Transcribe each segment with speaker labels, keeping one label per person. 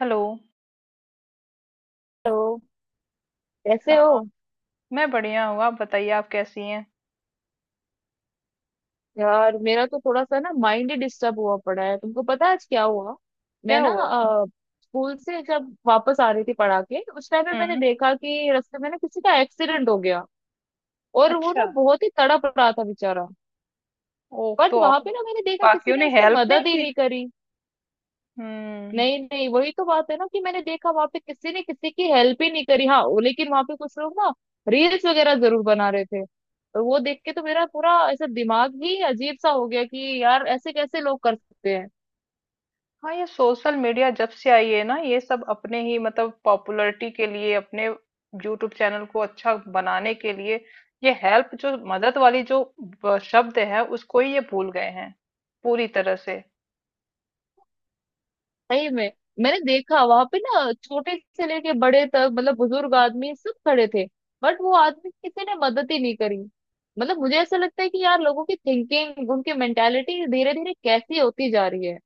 Speaker 1: Hello.
Speaker 2: Hello. कैसे हो?
Speaker 1: हाँ। मैं बढ़िया हूँ। आप बताइए, आप कैसी हैं?
Speaker 2: यार मेरा तो थोड़ा सा ना माइंड ही डिस्टर्ब हुआ पड़ा है। तुमको पता है आज क्या हुआ? मैं
Speaker 1: क्या
Speaker 2: ना
Speaker 1: हुआ?
Speaker 2: स्कूल से जब वापस आ रही थी पढ़ा के, उस टाइम पे मैंने
Speaker 1: हम्म।
Speaker 2: देखा कि रास्ते में ना किसी का एक्सीडेंट हो गया। और वो
Speaker 1: अच्छा।
Speaker 2: ना बहुत ही तड़प रहा था बेचारा।
Speaker 1: ओह,
Speaker 2: बट
Speaker 1: तो
Speaker 2: वहां
Speaker 1: और?
Speaker 2: पे ना मैंने देखा किसी
Speaker 1: बाकियों
Speaker 2: ने
Speaker 1: ने
Speaker 2: उसकी
Speaker 1: हेल्प नहीं
Speaker 2: मदद ही
Speaker 1: की?
Speaker 2: नहीं करी।
Speaker 1: हम्म।
Speaker 2: नहीं नहीं, वही तो बात है ना कि मैंने देखा वहां पे किसी ने किसी की हेल्प ही नहीं करी। हाँ, लेकिन वहां पे कुछ लोग ना रील्स वगैरह जरूर बना रहे थे। और वो देख के तो मेरा पूरा ऐसा दिमाग ही अजीब सा हो गया कि यार ऐसे कैसे लोग कर सकते हैं।
Speaker 1: हाँ, ये सोशल मीडिया जब से आई है ना ये सब अपने ही मतलब पॉपुलैरिटी के लिए, अपने यूट्यूब चैनल को अच्छा बनाने के लिए ये हेल्प जो मदद वाली जो शब्द है उसको ही ये भूल गए हैं पूरी तरह से।
Speaker 2: सही में, मैंने देखा वहां पे ना छोटे से लेके बड़े तक, मतलब बुजुर्ग आदमी सब खड़े थे। बट वो आदमी किसी ने मदद ही नहीं करी। मतलब मुझे ऐसा लगता है कि यार लोगों की थिंकिंग, उनकी मेंटेलिटी धीरे धीरे कैसी होती जा रही है।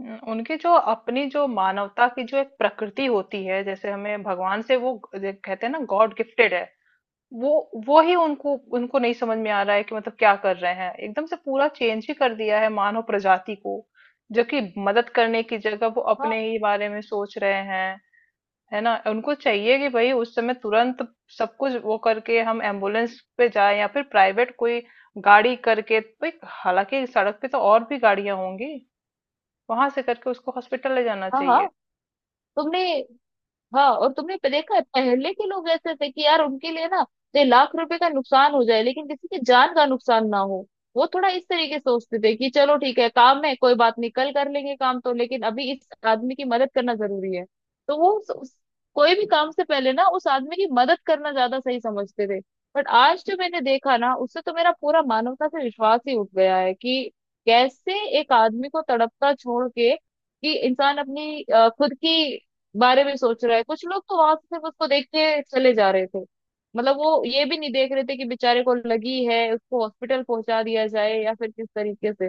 Speaker 1: उनकी जो अपनी जो मानवता की जो एक प्रकृति होती है, जैसे हमें भगवान से वो कहते हैं ना, गॉड गिफ्टेड है। वो वो ही उनको उनको नहीं समझ में आ रहा है कि मतलब क्या कर रहे हैं, एकदम से पूरा चेंज ही कर दिया है मानव प्रजाति को, जो कि मदद करने की जगह वो
Speaker 2: हाँ
Speaker 1: अपने ही बारे में सोच रहे हैं। है ना, उनको चाहिए कि भाई उस समय तुरंत सब कुछ वो करके हम एम्बुलेंस पे जाए, या फिर प्राइवेट कोई गाड़ी करके भाई, हालांकि सड़क पे तो और भी गाड़ियां होंगी, वहां से करके उसको हॉस्पिटल ले जाना
Speaker 2: हाँ हाँ।
Speaker 1: चाहिए।
Speaker 2: तुमने, हाँ और तुमने देखा है, पहले के लोग ऐसे थे कि यार उनके लिए ना चाहे लाख रुपए का नुकसान हो जाए लेकिन किसी की जान का नुकसान ना हो। वो थोड़ा इस तरीके से सोचते थे कि चलो ठीक है, काम है, कोई बात नहीं, कल कर लेंगे काम तो, लेकिन अभी इस आदमी की मदद करना जरूरी है। तो वो कोई भी काम से पहले ना उस आदमी की मदद करना ज्यादा सही समझते थे। बट आज जो मैंने देखा ना, उससे तो मेरा पूरा मानवता से विश्वास ही उठ गया है कि कैसे एक आदमी को तड़पता छोड़ के, कि इंसान अपनी खुद की बारे में सोच रहा है। कुछ लोग तो वहां से सिर्फ उसको देख के चले जा रहे थे। मतलब वो ये भी नहीं देख रहे थे कि बेचारे को लगी है, उसको हॉस्पिटल पहुंचा दिया जाए या फिर किस तरीके से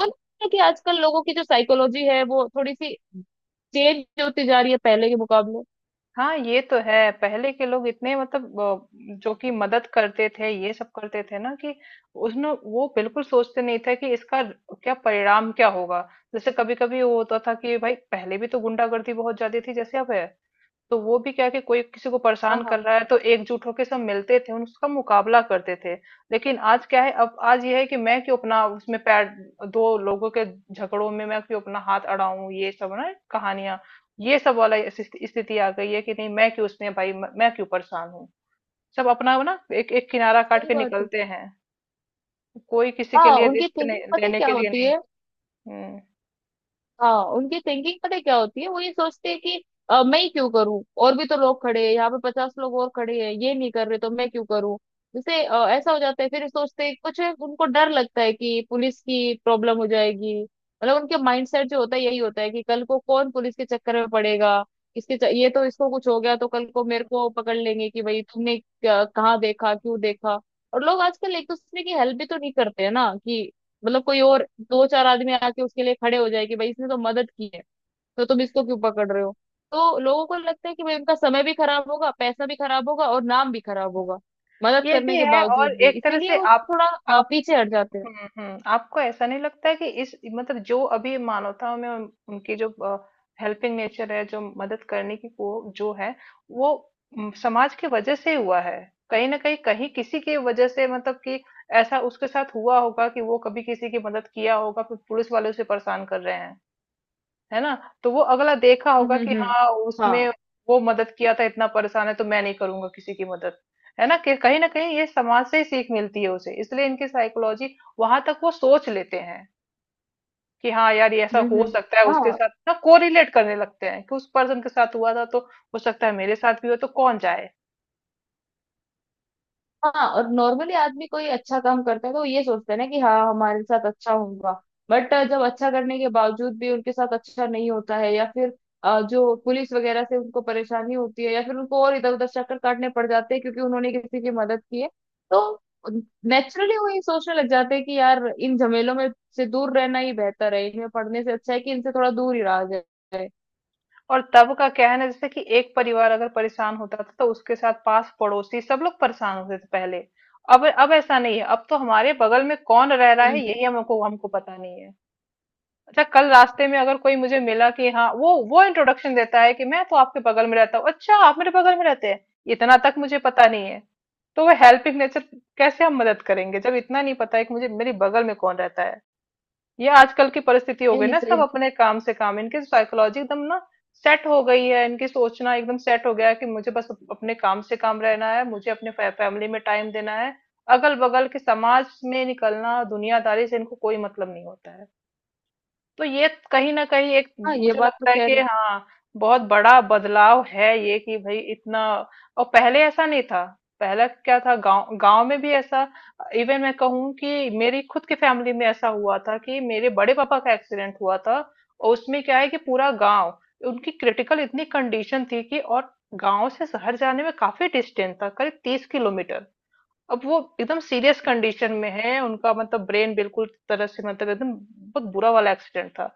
Speaker 2: और है कि आजकल लोगों की जो साइकोलॉजी है वो थोड़ी सी चेंज होती जा रही है पहले के मुकाबले।
Speaker 1: हाँ ये तो है, पहले के लोग इतने मतलब जो कि मदद करते थे, ये सब करते थे ना कि उसने वो बिल्कुल सोचते नहीं थे कि इसका क्या परिणाम क्या होगा। जैसे कभी कभी वो होता था कि भाई पहले भी तो गुंडागर्दी बहुत ज्यादा थी जैसे अब है, तो वो भी क्या है कि कोई किसी को
Speaker 2: हाँ
Speaker 1: परेशान कर
Speaker 2: हाँ।
Speaker 1: रहा है तो एकजुट होकर सब मिलते थे, उसका मुकाबला करते थे। लेकिन आज क्या है, अब आज ये है कि मैं क्यों अपना उसमें पैर, दो लोगों के झगड़ों में मैं क्यों अपना हाथ अड़ाऊं, ये सब ना कहानियां, ये सब वाला स्थिति आ गई है कि नहीं मैं क्यों उसमें भाई मैं क्यों परेशान हूँ। सब अपना ना एक एक किनारा काट
Speaker 2: सही
Speaker 1: के
Speaker 2: बात है।
Speaker 1: निकलते हैं। कोई किसी के
Speaker 2: हाँ,
Speaker 1: लिए
Speaker 2: उनकी
Speaker 1: रिस्क
Speaker 2: थिंकिंग
Speaker 1: नहीं
Speaker 2: पता है
Speaker 1: लेने
Speaker 2: क्या
Speaker 1: के लिए,
Speaker 2: होती
Speaker 1: नहीं।
Speaker 2: है,
Speaker 1: हम्म।
Speaker 2: हाँ उनकी थिंकिंग पता है क्या होती है। वो ये सोचते हैं कि मैं ही क्यों करूं, और भी तो लोग खड़े हैं, यहाँ पे पचास लोग और खड़े हैं, ये नहीं कर रहे तो मैं क्यों करूं। जैसे ऐसा हो जाता है, फिर सोचते हैं कुछ है, उनको डर लगता है कि पुलिस की प्रॉब्लम हो जाएगी। मतलब उनके माइंडसेट जो होता है यही होता है कि कल को कौन पुलिस के चक्कर में पड़ेगा। ये तो इसको कुछ हो गया तो कल को मेरे को पकड़ लेंगे कि भाई तुमने कहाँ देखा क्यों देखा। और लोग आजकल एक दूसरे की हेल्प भी तो नहीं करते हैं ना कि मतलब कोई और दो चार आदमी आके उसके लिए खड़े हो जाए कि भाई इसने तो मदद की है, तो तुम इसको क्यों पकड़ रहे हो। तो लोगों को लगता है कि भाई उनका समय भी खराब होगा, पैसा भी खराब होगा और नाम भी खराब होगा मदद
Speaker 1: ये भी
Speaker 2: करने के
Speaker 1: है। और
Speaker 2: बावजूद भी,
Speaker 1: एक तरह
Speaker 2: इसीलिए
Speaker 1: से
Speaker 2: वो
Speaker 1: आप
Speaker 2: थोड़ा
Speaker 1: आप
Speaker 2: पीछे हट जाते हैं।
Speaker 1: हम्म, हम्म। आपको ऐसा नहीं लगता है कि इस मतलब जो अभी मानवता में उनकी जो हेल्पिंग नेचर है, जो मदद करने की वो जो है वो समाज की वजह से हुआ है? कहीं ना कहीं कहीं किसी की वजह से, मतलब कि ऐसा उसके साथ हुआ होगा कि वो कभी किसी की मदद किया होगा, फिर पुलिस वाले उसे परेशान कर रहे हैं, है ना। तो वो अगला देखा होगा कि
Speaker 2: हम्म।
Speaker 1: हाँ उसमें
Speaker 2: हाँ।
Speaker 1: वो मदद किया था, इतना परेशान है, तो मैं नहीं करूंगा किसी की मदद। है ना कि कहीं ना कहीं ये समाज से ही सीख मिलती है उसे, इसलिए इनकी साइकोलॉजी वहां तक वो सोच लेते हैं कि हाँ यार ये ऐसा हो
Speaker 2: हम्म।
Speaker 1: सकता है, उसके
Speaker 2: हाँ
Speaker 1: साथ ना कोरिलेट करने लगते हैं कि उस पर्सन के साथ हुआ था तो हो सकता है मेरे साथ भी हो, तो कौन जाए।
Speaker 2: हाँ, और नॉर्मली आदमी कोई अच्छा काम करता है तो वो ये सोचते हैं ना कि हाँ हमारे साथ अच्छा होगा। बट जब अच्छा करने के बावजूद भी उनके साथ अच्छा नहीं होता है या फिर जो पुलिस वगैरह से उनको परेशानी होती है या फिर उनको और इधर उधर चक्कर काटने पड़ जाते हैं क्योंकि उन्होंने किसी की मदद की है, तो नेचुरली वो ये सोचने लग जाते हैं कि यार इन झमेलों में से दूर रहना ही बेहतर है, इनमें पढ़ने से अच्छा है कि इनसे थोड़ा दूर ही रहा जाए।
Speaker 1: और तब का क्या है ना, जैसे कि एक परिवार अगर परेशान होता था तो उसके साथ पास पड़ोसी सब लोग परेशान होते थे पहले। अब ऐसा नहीं है, अब तो हमारे बगल में कौन रह रहा है
Speaker 2: हम्म।
Speaker 1: यही हमको हमको पता नहीं है। अच्छा कल रास्ते में अगर कोई मुझे मिला कि हाँ वो इंट्रोडक्शन देता है कि मैं तो आपके बगल में रहता हूँ, अच्छा आप मेरे बगल में रहते हैं, इतना तक मुझे पता नहीं है। तो वो हेल्पिंग नेचर कैसे हम मदद करेंगे जब इतना नहीं पता है कि मुझे मेरे बगल में कौन रहता है। ये आजकल की परिस्थिति हो
Speaker 2: नहीं
Speaker 1: गई
Speaker 2: नहीं,
Speaker 1: ना, सब
Speaker 2: सही।
Speaker 1: अपने काम से काम, इनकी साइकोलॉजी एकदम ना सेट हो गई है, इनकी सोचना एकदम सेट हो गया है कि मुझे बस अपने काम से काम रहना है, मुझे अपने फैमिली में टाइम देना है। अगल बगल के समाज में निकलना, दुनियादारी से इनको कोई मतलब नहीं होता है। तो ये कहीं ना कहीं एक
Speaker 2: हाँ ये
Speaker 1: मुझे
Speaker 2: बात तो
Speaker 1: लगता है
Speaker 2: कह
Speaker 1: कि
Speaker 2: रहे हैं।
Speaker 1: हाँ बहुत बड़ा बदलाव है ये कि भाई इतना, और पहले ऐसा नहीं था। पहले क्या था, गांव गांव में भी ऐसा, इवन मैं कहूँ कि मेरी खुद की फैमिली में ऐसा हुआ था कि मेरे बड़े पापा का एक्सीडेंट हुआ था। और उसमें क्या है कि पूरा गांव, उनकी क्रिटिकल इतनी कंडीशन थी कि, और गांव से शहर जाने में काफी डिस्टेंस था, करीब 30 किलोमीटर। अब वो एकदम सीरियस कंडीशन में है, उनका मतलब ब्रेन बिल्कुल तरह से, मतलब एकदम बहुत बुरा वाला एक्सीडेंट था।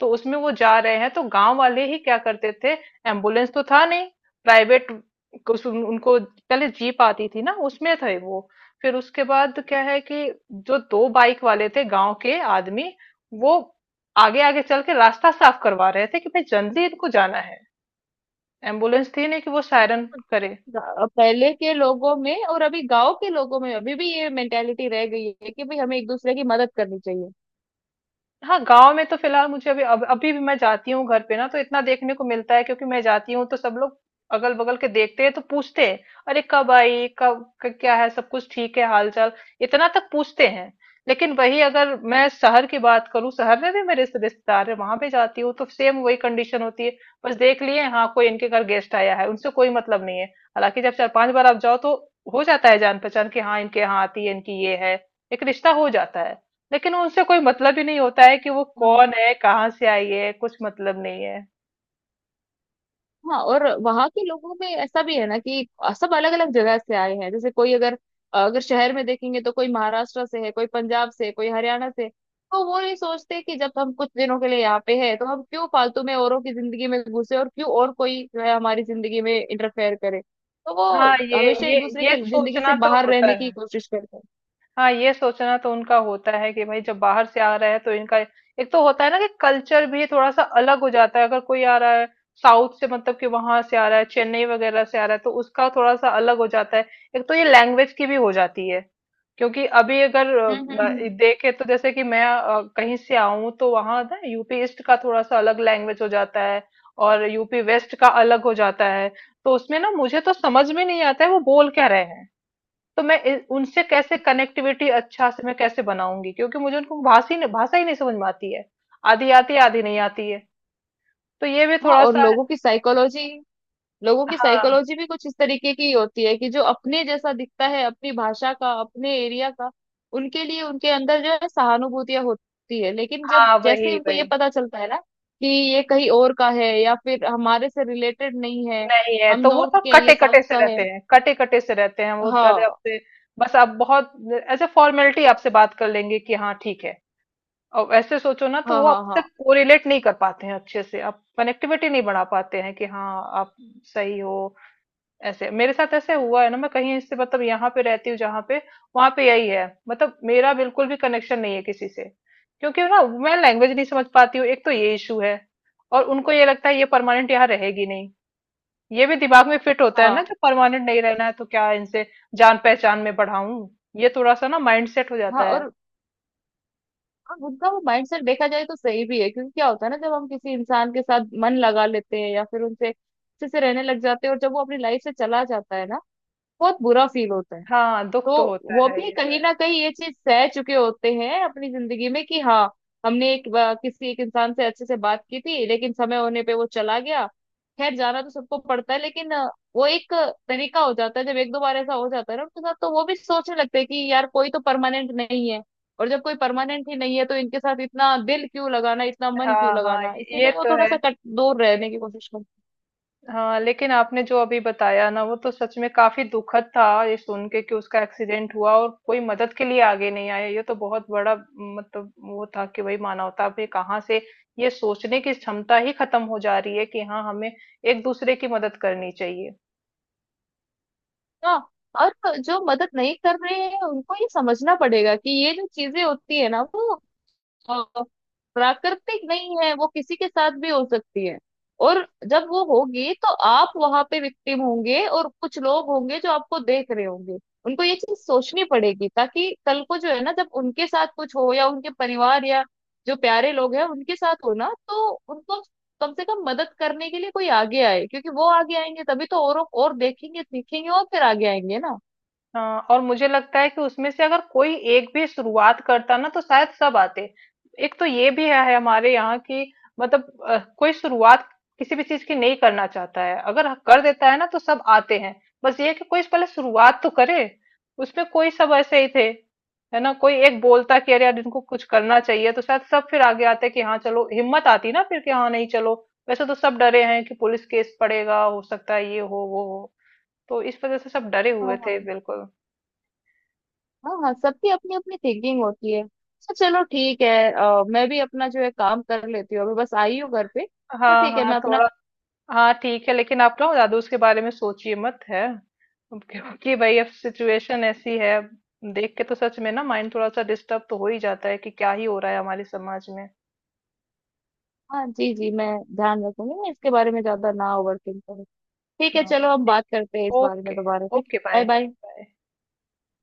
Speaker 1: तो उसमें वो जा रहे हैं तो गांव वाले ही क्या करते थे, एम्बुलेंस तो था नहीं, प्राइवेट कुछ, उनको पहले जीप आती थी ना, उसमें थे वो। फिर उसके बाद क्या है कि जो दो बाइक वाले थे गांव के आदमी, वो आगे आगे चल के रास्ता साफ करवा रहे थे कि भाई जल्दी इनको जाना है, एम्बुलेंस थी नहीं कि वो सायरन करे।
Speaker 2: पहले के लोगों में और अभी गांव के लोगों में अभी भी ये मेंटेलिटी रह गई है कि भाई हमें एक दूसरे की मदद करनी चाहिए।
Speaker 1: हाँ गांव में तो फिलहाल मुझे अभी अभी भी मैं जाती हूँ घर पे ना, तो इतना देखने को मिलता है, क्योंकि मैं जाती हूँ तो सब लोग अगल बगल के देखते हैं तो पूछते हैं, अरे कब आई, कब क्या है, सब कुछ ठीक है, हाल चाल, इतना तक पूछते हैं। लेकिन वही अगर मैं शहर की बात करूँ, शहर में भी मेरे रिश्तेदार है, वहां पे जाती हूँ तो सेम वही कंडीशन होती है। बस देख लिए, हाँ कोई इनके घर गेस्ट आया है, उनसे कोई मतलब नहीं है। हालांकि जब चार पांच बार आप जाओ तो हो जाता है जान पहचान कि हाँ इनके यहाँ आती है, इनकी ये है, एक रिश्ता हो जाता है। लेकिन उनसे कोई मतलब ही नहीं होता है कि वो
Speaker 2: हाँ
Speaker 1: कौन है, कहाँ से आई है, कुछ मतलब नहीं है।
Speaker 2: हाँ, और वहां के लोगों में ऐसा भी है ना कि सब अलग अलग जगह से आए हैं। जैसे कोई अगर, अगर शहर में देखेंगे तो कोई महाराष्ट्र से है, कोई पंजाब से, कोई हरियाणा से। तो वो नहीं सोचते कि जब हम कुछ दिनों के लिए यहाँ पे है तो हम क्यों फालतू में औरों की जिंदगी में घुसे और क्यों और कोई जो है हमारी जिंदगी में इंटरफेयर करे। तो
Speaker 1: हाँ,
Speaker 2: वो
Speaker 1: ये
Speaker 2: हमेशा
Speaker 1: ये
Speaker 2: एक दूसरे
Speaker 1: ये
Speaker 2: के जिंदगी से
Speaker 1: सोचना तो
Speaker 2: बाहर
Speaker 1: होता
Speaker 2: रहने की
Speaker 1: है।
Speaker 2: कोशिश करते हैं।
Speaker 1: हाँ, ये सोचना तो उनका होता है कि भाई जब बाहर से आ रहा है तो इनका, एक तो होता है ना कि कल्चर भी थोड़ा सा अलग हो जाता है, अगर कोई आ रहा है साउथ से, मतलब कि वहां से आ रहा है, चेन्नई वगैरह से आ रहा है, तो उसका थोड़ा सा अलग हो जाता है। एक तो ये लैंग्वेज की भी हो जाती है, क्योंकि अभी अगर
Speaker 2: हम्म।
Speaker 1: देखे तो, जैसे कि मैं कहीं से आऊं तो, वहां ना यूपी ईस्ट का थोड़ा सा अलग लैंग्वेज हो जाता है, और यूपी वेस्ट का अलग हो जाता है। तो उसमें ना मुझे तो समझ में नहीं आता है वो बोल क्या रहे हैं। तो मैं उनसे कैसे कनेक्टिविटी अच्छा से मैं कैसे बनाऊंगी, क्योंकि मुझे उनको भाषा ही नहीं समझ में आती है, आधी आती है आधी नहीं आती है, तो ये भी
Speaker 2: हाँ,
Speaker 1: थोड़ा
Speaker 2: और
Speaker 1: सा।
Speaker 2: लोगों की साइकोलॉजी, लोगों की
Speaker 1: हाँ
Speaker 2: साइकोलॉजी भी कुछ इस तरीके की होती है कि जो अपने जैसा दिखता है, अपनी भाषा का, अपने एरिया का, उनके लिए उनके अंदर जो है सहानुभूतियां होती है। लेकिन जब
Speaker 1: हाँ,
Speaker 2: जैसे ही
Speaker 1: वही
Speaker 2: उनको ये
Speaker 1: वही।
Speaker 2: पता चलता है ना कि ये कहीं और का है या फिर हमारे से रिलेटेड नहीं है,
Speaker 1: नहीं है
Speaker 2: हम
Speaker 1: तो वो तो
Speaker 2: नॉर्थ के हैं ये
Speaker 1: कटे कटे
Speaker 2: साउथ
Speaker 1: से
Speaker 2: का है।
Speaker 1: रहते हैं कटे कटे से रहते हैं वो, ज्यादा
Speaker 2: हाँ
Speaker 1: आपसे बस आप बहुत एज ए फॉर्मेलिटी आपसे बात कर लेंगे कि हाँ ठीक है। और ऐसे सोचो ना तो
Speaker 2: हाँ
Speaker 1: वो
Speaker 2: हाँ।
Speaker 1: आपसे
Speaker 2: हाँ
Speaker 1: कोरिलेट नहीं कर पाते हैं अच्छे से, आप कनेक्टिविटी नहीं बढ़ा पाते हैं कि हाँ आप सही हो। ऐसे मेरे साथ ऐसे हुआ है ना, मैं कहीं इससे मतलब यहाँ पे रहती हूँ जहाँ पे, वहां पे यही है, मतलब मेरा बिल्कुल भी कनेक्शन नहीं है किसी से, क्योंकि ना मैं लैंग्वेज नहीं समझ पाती हूँ, एक तो ये इशू है, और उनको ये लगता है ये परमानेंट यहाँ रहेगी नहीं, ये भी दिमाग में फिट होता है
Speaker 2: हाँ
Speaker 1: ना, जब परमानेंट नहीं रहना है तो क्या इनसे जान पहचान में बढ़ाऊं, ये थोड़ा सा ना माइंड सेट हो
Speaker 2: हाँ,
Speaker 1: जाता है।
Speaker 2: और उनका वो माइंडसेट देखा जाए तो सही भी है, क्योंकि क्या होता है ना जब हम किसी इंसान के साथ मन लगा लेते हैं या फिर उनसे अच्छे से रहने लग जाते हैं और जब वो अपनी लाइफ से चला जाता है ना बहुत बुरा फील होता है।
Speaker 1: हाँ दुख तो
Speaker 2: तो
Speaker 1: होता
Speaker 2: वो
Speaker 1: है,
Speaker 2: भी
Speaker 1: ये तो
Speaker 2: कहीं
Speaker 1: है।
Speaker 2: ना कहीं ये चीज सह चुके होते हैं अपनी जिंदगी में कि हाँ हमने एक किसी एक इंसान से अच्छे से बात की थी लेकिन समय होने पे वो चला गया। खैर जाना तो सबको पड़ता है लेकिन वो एक तरीका हो जाता है, जब एक दो बार ऐसा हो जाता है ना उनके साथ तो वो भी सोचने लगते हैं कि यार कोई तो परमानेंट नहीं है। और जब कोई परमानेंट ही नहीं है तो इनके साथ इतना दिल क्यों लगाना, इतना मन क्यों
Speaker 1: हाँ हाँ,
Speaker 2: लगाना,
Speaker 1: ये
Speaker 2: इसीलिए वो
Speaker 1: तो
Speaker 2: थोड़ा
Speaker 1: है।
Speaker 2: सा कट दूर रहने की कोशिश करते हैं।
Speaker 1: हाँ, लेकिन आपने जो अभी बताया ना वो तो सच में काफी दुखद था, ये सुन के कि उसका एक्सीडेंट हुआ और कोई मदद के लिए आगे नहीं आया, ये तो बहुत बड़ा मतलब वो था कि भाई मानवता भी कहाँ से, ये सोचने की क्षमता ही खत्म हो जा रही है कि हाँ हमें एक दूसरे की मदद करनी चाहिए।
Speaker 2: हाँ, और जो मदद नहीं कर रहे हैं उनको ये समझना पड़ेगा कि ये जो चीजें होती है ना वो अ, प्राकृतिक नहीं है, वो किसी के साथ भी हो सकती है। और जब वो होगी तो आप वहां पे विक्टिम होंगे और कुछ लोग होंगे जो आपको देख रहे होंगे। उनको ये चीज सोचनी पड़ेगी ताकि कल को जो है ना जब उनके साथ कुछ हो या उनके परिवार या जो प्यारे लोग हैं उनके साथ हो ना, तो उनको कम से कम मदद करने के लिए कोई आगे आए। क्योंकि वो आगे आएंगे तभी तो और देखेंगे सीखेंगे और फिर आगे आएंगे ना।
Speaker 1: हाँ, और मुझे लगता है कि उसमें से अगर कोई एक भी शुरुआत करता ना तो शायद सब आते। एक तो ये भी है हमारे यहाँ की, मतलब कोई शुरुआत किसी भी चीज की नहीं करना चाहता है, अगर कर देता है ना तो सब आते हैं। बस ये है कि कोई पहले शुरुआत तो करे, उसमें कोई, सब ऐसे ही थे, है ना, कोई एक बोलता कि अरे यार इनको कुछ करना चाहिए, तो शायद सब फिर आगे आते कि हाँ चलो, हिम्मत आती ना फिर कि हाँ नहीं चलो। वैसे तो सब डरे हैं कि पुलिस केस पड़ेगा, हो सकता है ये हो वो हो, तो इस वजह से सब डरे
Speaker 2: हाँ
Speaker 1: हुए
Speaker 2: हाँ।
Speaker 1: थे बिल्कुल।
Speaker 2: हाँ हाँ, सबकी अपनी अपनी थिंकिंग होती है। अच्छा चलो ठीक है, मैं भी अपना जो है काम कर लेती हूँ, अभी बस आई हूँ घर पे। तो
Speaker 1: हाँ
Speaker 2: ठीक है,
Speaker 1: हाँ,
Speaker 2: मैं अपना
Speaker 1: थोड़ा।
Speaker 2: काम,
Speaker 1: हाँ ठीक है, लेकिन आप ना ज्यादा उसके बारे में सोचिए मत, है, क्योंकि भाई अब सिचुएशन ऐसी है, अब देख के तो सच में ना माइंड थोड़ा सा डिस्टर्ब तो हो ही जाता है कि क्या ही हो रहा है हमारे समाज में।
Speaker 2: हाँ जी जी, मैं ध्यान रखूंगी, मैं इसके बारे में ज्यादा ना ओवर थिंक करूँ। ठीक है,
Speaker 1: हाँ।
Speaker 2: चलो हम
Speaker 1: ठीक।
Speaker 2: बात करते हैं इस बारे में
Speaker 1: ओके।
Speaker 2: दोबारा। ठीक
Speaker 1: ओके, बाय।
Speaker 2: है, बाय बाय।
Speaker 1: बाय।